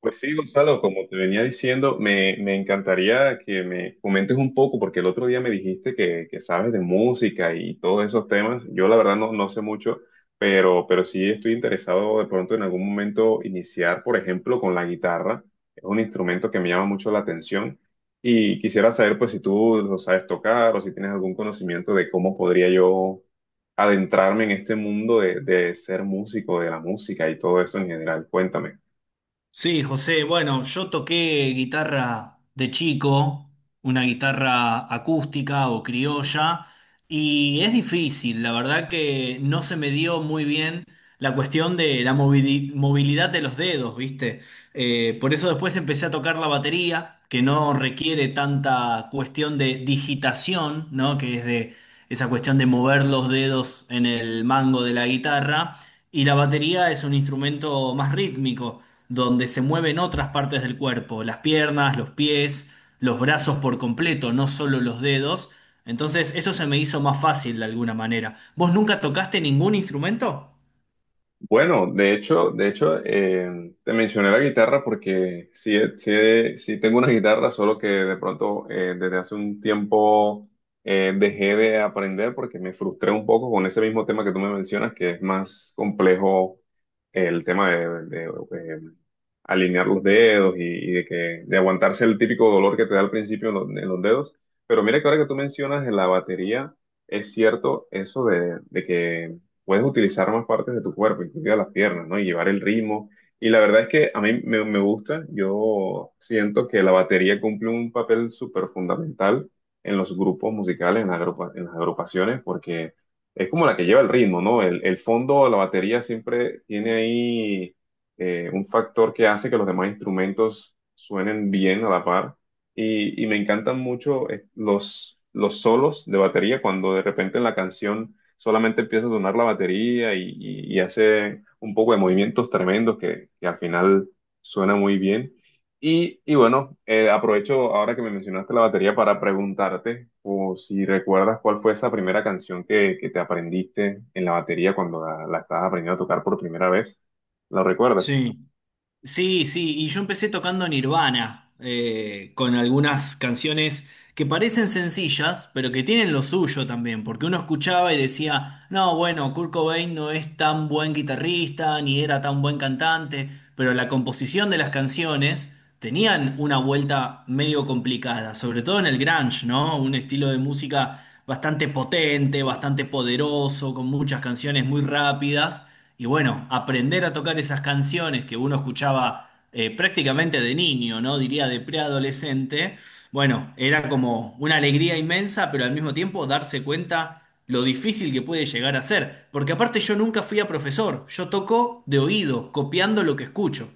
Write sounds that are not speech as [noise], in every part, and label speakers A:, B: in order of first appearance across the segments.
A: Pues sí, Gonzalo, como te venía diciendo, me encantaría que me comentes un poco, porque el otro día me dijiste que sabes de música y todos esos temas. Yo la verdad no sé mucho, pero sí estoy interesado de pronto en algún momento iniciar, por ejemplo, con la guitarra. Es un instrumento que me llama mucho la atención y quisiera saber pues si tú lo sabes tocar o si tienes algún conocimiento de cómo podría yo adentrarme en este mundo de ser músico, de la música y todo eso en general. Cuéntame.
B: Sí, José, bueno, yo toqué guitarra de chico, una guitarra acústica o criolla, y es difícil, la verdad que no se me dio muy bien la cuestión de la movilidad de los dedos, ¿viste? Por eso después empecé a tocar la batería, que no requiere tanta cuestión de digitación, ¿no? Que es de esa cuestión de mover los dedos en el mango de la guitarra, y la batería es un instrumento más rítmico donde se mueven otras partes del cuerpo, las piernas, los pies, los brazos por completo, no solo los dedos. Entonces eso se me hizo más fácil de alguna manera. ¿Vos nunca tocaste ningún instrumento?
A: Bueno, de hecho, te mencioné la guitarra porque sí, sí tengo una guitarra, solo que de pronto desde hace un tiempo dejé de aprender porque me frustré un poco con ese mismo tema que tú me mencionas, que es más complejo el tema de alinear los dedos y de que de aguantarse el típico dolor que te da al principio en en los dedos. Pero mira que ahora que tú mencionas la batería, es cierto eso de que puedes utilizar más partes de tu cuerpo, incluidas las piernas, ¿no? Y llevar el ritmo. Y la verdad es que a mí me gusta, yo siento que la batería cumple un papel súper fundamental en los grupos musicales, en en las agrupaciones, porque es como la que lleva el ritmo, ¿no? El fondo, la batería siempre tiene ahí un factor que hace que los demás instrumentos suenen bien a la par. Y me encantan mucho los solos de batería cuando de repente en la canción solamente empieza a sonar la batería y hace un poco de movimientos tremendos que al final suena muy bien. Y bueno, aprovecho ahora que me mencionaste la batería para preguntarte o si recuerdas cuál fue esa primera canción que te aprendiste en la batería cuando la estabas aprendiendo a tocar por primera vez. ¿La recuerdas?
B: Sí. Sí, sí, y yo empecé tocando Nirvana, con algunas canciones que parecen sencillas, pero que tienen lo suyo también, porque uno escuchaba y decía, no, bueno, Kurt Cobain no es tan buen guitarrista, ni era tan buen cantante, pero la composición de las canciones tenían una vuelta medio complicada, sobre todo en el grunge, ¿no? Un estilo de música bastante potente, bastante poderoso, con muchas canciones muy rápidas y bueno, aprender a tocar esas canciones que uno escuchaba prácticamente de niño, ¿no? Diría de preadolescente. Bueno, era como una alegría inmensa, pero al mismo tiempo darse cuenta lo difícil que puede llegar a ser. Porque aparte yo nunca fui a profesor, yo toco de oído, copiando lo que escucho.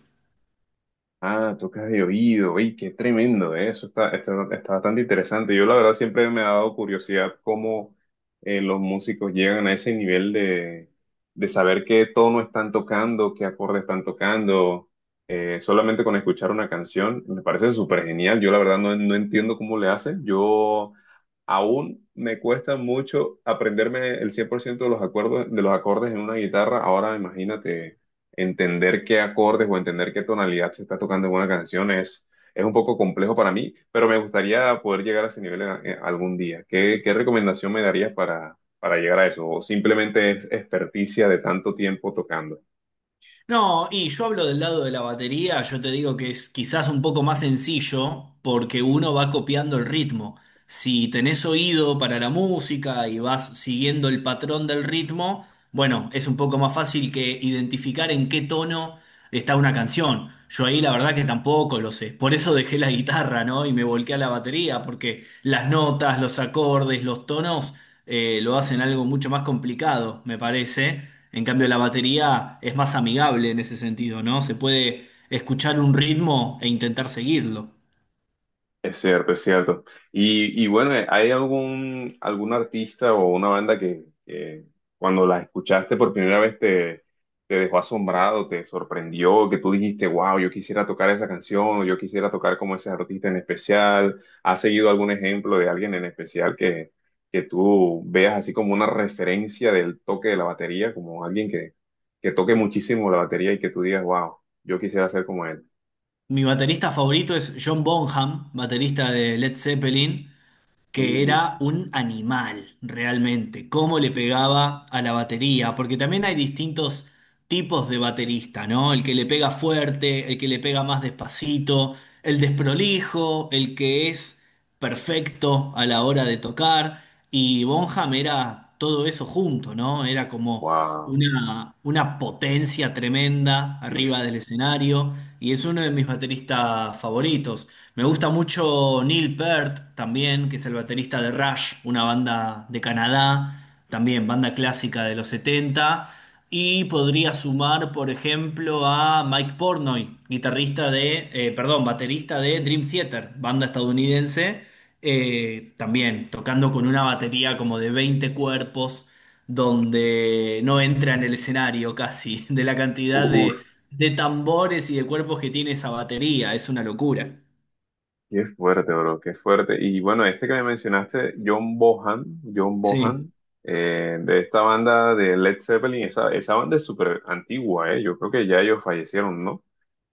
A: Ah, tocas de oído. ¡Ey, qué tremendo, eh! Eso está bastante interesante. Yo la verdad siempre me ha dado curiosidad cómo los músicos llegan a ese nivel de saber qué tono están tocando, qué acorde están tocando, solamente con escuchar una canción. Me parece súper genial. Yo la verdad no entiendo cómo le hacen. Yo aún me cuesta mucho aprenderme el 100% de los acuerdos, de los acordes en una guitarra. Ahora imagínate entender qué acordes o entender qué tonalidad se está tocando en una canción es un poco complejo para mí, pero me gustaría poder llegar a ese nivel en algún día. ¿Qué recomendación me darías para llegar a eso? ¿O simplemente es experticia de tanto tiempo tocando?
B: No, y yo hablo del lado de la batería, yo te digo que es quizás un poco más sencillo porque uno va copiando el ritmo. Si tenés oído para la música y vas siguiendo el patrón del ritmo, bueno, es un poco más fácil que identificar en qué tono está una canción. Yo ahí la verdad que tampoco lo sé. Por eso dejé la guitarra, ¿no? Y me volqué a la batería porque las notas, los acordes, los tonos lo hacen algo mucho más complicado, me parece. En cambio, la batería es más amigable en ese sentido, ¿no? Se puede escuchar un ritmo e intentar seguirlo.
A: Es cierto. Y bueno, ¿hay algún artista o una banda que cuando la escuchaste por primera vez te dejó asombrado, te sorprendió, que tú dijiste, wow, yo quisiera tocar esa canción, o yo quisiera tocar como ese artista en especial? ¿Has seguido algún ejemplo de alguien en especial que tú veas así como una referencia del toque de la batería, como alguien que toque muchísimo la batería y que tú digas, wow, yo quisiera ser como él?
B: Mi baterista favorito es John Bonham, baterista de Led Zeppelin, que era
A: Uh,
B: un animal realmente, cómo le pegaba a la batería, porque también hay distintos tipos de baterista, ¿no? El que le pega fuerte, el que le pega más despacito, el desprolijo, el que es perfecto a la hora de tocar, y Bonham era todo eso junto, ¿no? Era como
A: wow.
B: una potencia tremenda arriba del escenario y es uno de mis bateristas favoritos. Me gusta mucho Neil Peart también, que es el baterista de Rush, una banda de Canadá, también banda clásica de los 70. Y podría sumar, por ejemplo, a Mike Portnoy, guitarrista de, perdón, baterista de Dream Theater, banda estadounidense, también tocando con una batería como de 20 cuerpos donde no entra en el escenario casi, [laughs] de la cantidad
A: Uf,
B: de tambores y de cuerpos que tiene esa batería, es una locura.
A: qué fuerte, bro, qué fuerte. Y bueno, este que me mencionaste, John
B: Sí.
A: Bohan, de esta banda de Led Zeppelin, esa banda es súper antigua, eh. Yo creo que ya ellos fallecieron, ¿no?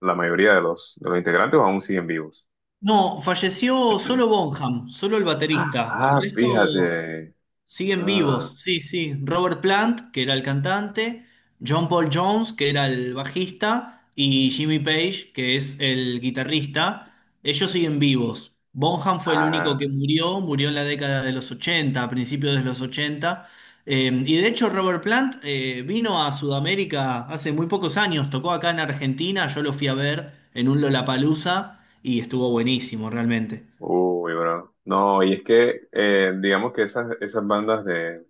A: La mayoría de de los integrantes aún siguen vivos.
B: No, falleció solo
A: [clears throat]
B: Bonham, solo el baterista. El resto.
A: Fíjate.
B: Siguen
A: Ah,
B: vivos, sí, sí. Robert Plant, que era el cantante, John Paul Jones, que era el bajista, y Jimmy Page, que es el guitarrista. Ellos siguen vivos. Bonham fue el único
A: ah,
B: que murió, murió en la década de los 80, a principios de los 80. Y de hecho Robert Plant vino a Sudamérica hace muy pocos años, tocó acá en Argentina, yo lo fui a ver en un Lollapalooza y estuvo buenísimo realmente.
A: uy, bro. No, y es que digamos que esas bandas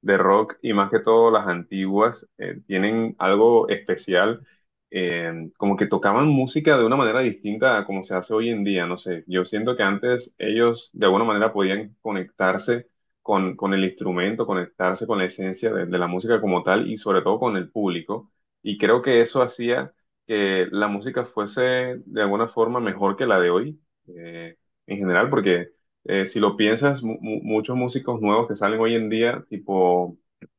A: de rock y más que todo las antiguas tienen algo especial, como que tocaban música de una manera distinta a como se hace hoy en día, no sé, yo siento que antes ellos de alguna manera podían conectarse con el instrumento, conectarse con la esencia de la música como tal y sobre todo con el público y creo que eso hacía que la música fuese de alguna forma mejor que la de hoy eh, en general porque si lo piensas, muchos músicos nuevos que salen hoy en día, tipo,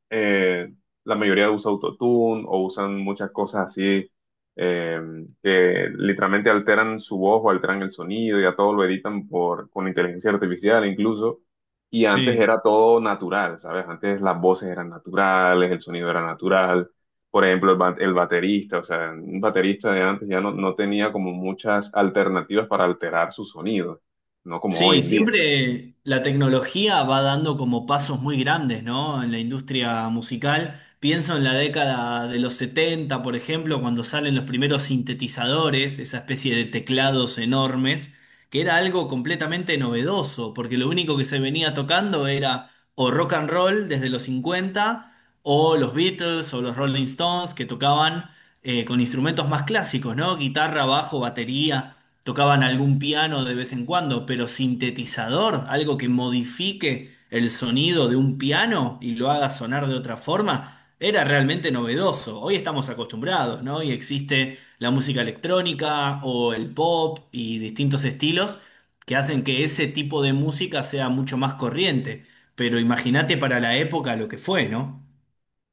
A: eh, la mayoría usa autotune o usan muchas cosas así eh, que literalmente alteran su voz o alteran el sonido, ya todo lo editan con inteligencia artificial incluso. Y antes
B: Sí.
A: era todo natural, ¿sabes? Antes las voces eran naturales, el sonido era natural. Por ejemplo, el baterista, o sea, un baterista de antes ya no tenía como muchas alternativas para alterar su sonido, no como hoy
B: Sí,
A: en día.
B: siempre la tecnología va dando como pasos muy grandes, ¿no? En la industria musical. Pienso en la década de los 70, por ejemplo, cuando salen los primeros sintetizadores, esa especie de teclados enormes, que era algo completamente novedoso, porque lo único que se venía tocando era o rock and roll desde los 50 o los Beatles o los Rolling Stones, que tocaban con instrumentos más clásicos, ¿no? Guitarra, bajo, batería. Tocaban algún piano de vez en cuando, pero sintetizador, algo que modifique el sonido de un piano y lo haga sonar de otra forma, era realmente novedoso. Hoy estamos acostumbrados, ¿no? Y existe la música electrónica o el pop y distintos estilos que hacen que ese tipo de música sea mucho más corriente. Pero imagínate para la época lo que fue, ¿no?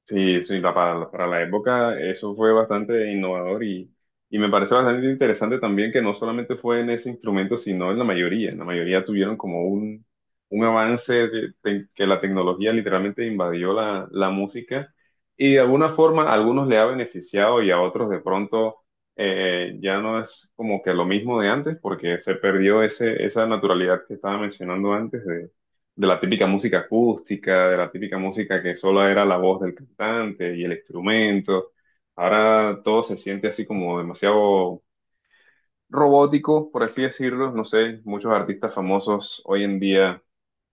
A: Para la época eso fue bastante innovador y me parece bastante interesante también que no solamente fue en ese instrumento, sino en la mayoría. En la mayoría tuvieron como un avance que la tecnología literalmente invadió la música y de alguna forma a algunos le ha beneficiado y a otros de pronto ya no es como que lo mismo de antes porque se perdió esa naturalidad que estaba mencionando antes de la típica música acústica, de la típica música que solo era la voz del cantante y el instrumento. Ahora todo se siente así como demasiado robótico, por así decirlo. No sé, muchos artistas famosos hoy en día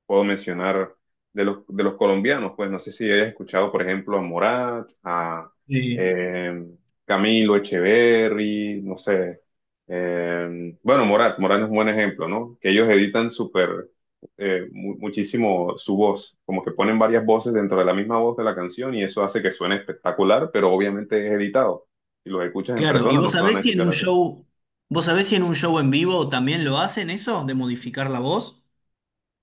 A: puedo mencionar de de los colombianos, pues no sé si hayas escuchado, por ejemplo, a Morat, a
B: Sí.
A: eh, Camilo Echeverry, no sé. Bueno, Morat es un buen ejemplo, ¿no? Que ellos editan súper, muchísimo su voz, como que ponen varias voces dentro de la misma voz de la canción y eso hace que suene espectacular, pero obviamente es editado. Si los escuchas en
B: Claro, ¿y
A: persona
B: vos
A: no se van a
B: sabés si en
A: escuchar
B: un
A: así.
B: show, vos sabés si en un show en vivo también lo hacen eso, de modificar la voz?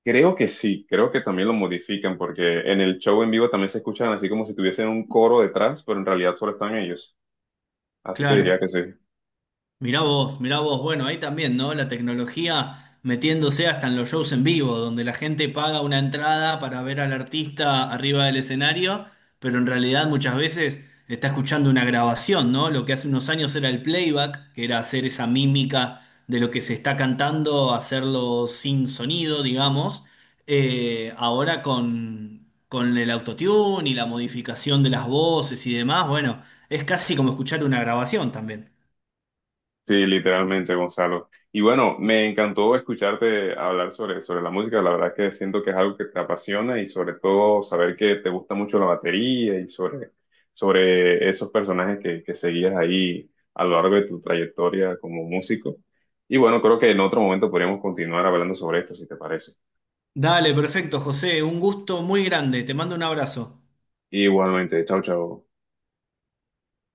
A: Creo que sí, creo que también lo modifican porque en el show en vivo también se escuchan así como si tuviesen un coro detrás, pero en realidad solo están ellos. Así que
B: Claro,
A: diría que sí.
B: mirá vos, bueno, ahí también, ¿no? La tecnología metiéndose hasta en los shows en vivo, donde la gente paga una entrada para ver al artista arriba del escenario, pero en realidad muchas veces está escuchando una grabación, ¿no? Lo que hace unos años era el playback, que era hacer esa mímica de lo que se está cantando, hacerlo sin sonido, digamos. Ahora con el autotune y la modificación de las voces y demás, bueno, es casi como escuchar una grabación también.
A: Sí, literalmente, Gonzalo. Y bueno, me encantó escucharte hablar sobre la música. La verdad que siento que es algo que te apasiona y sobre todo saber que te gusta mucho la batería y sobre esos personajes que seguías ahí a lo largo de tu trayectoria como músico. Y bueno, creo que en otro momento podríamos continuar hablando sobre esto, si te parece.
B: Dale, perfecto, José. Un gusto muy grande. Te mando un abrazo.
A: Igualmente, chao, chao.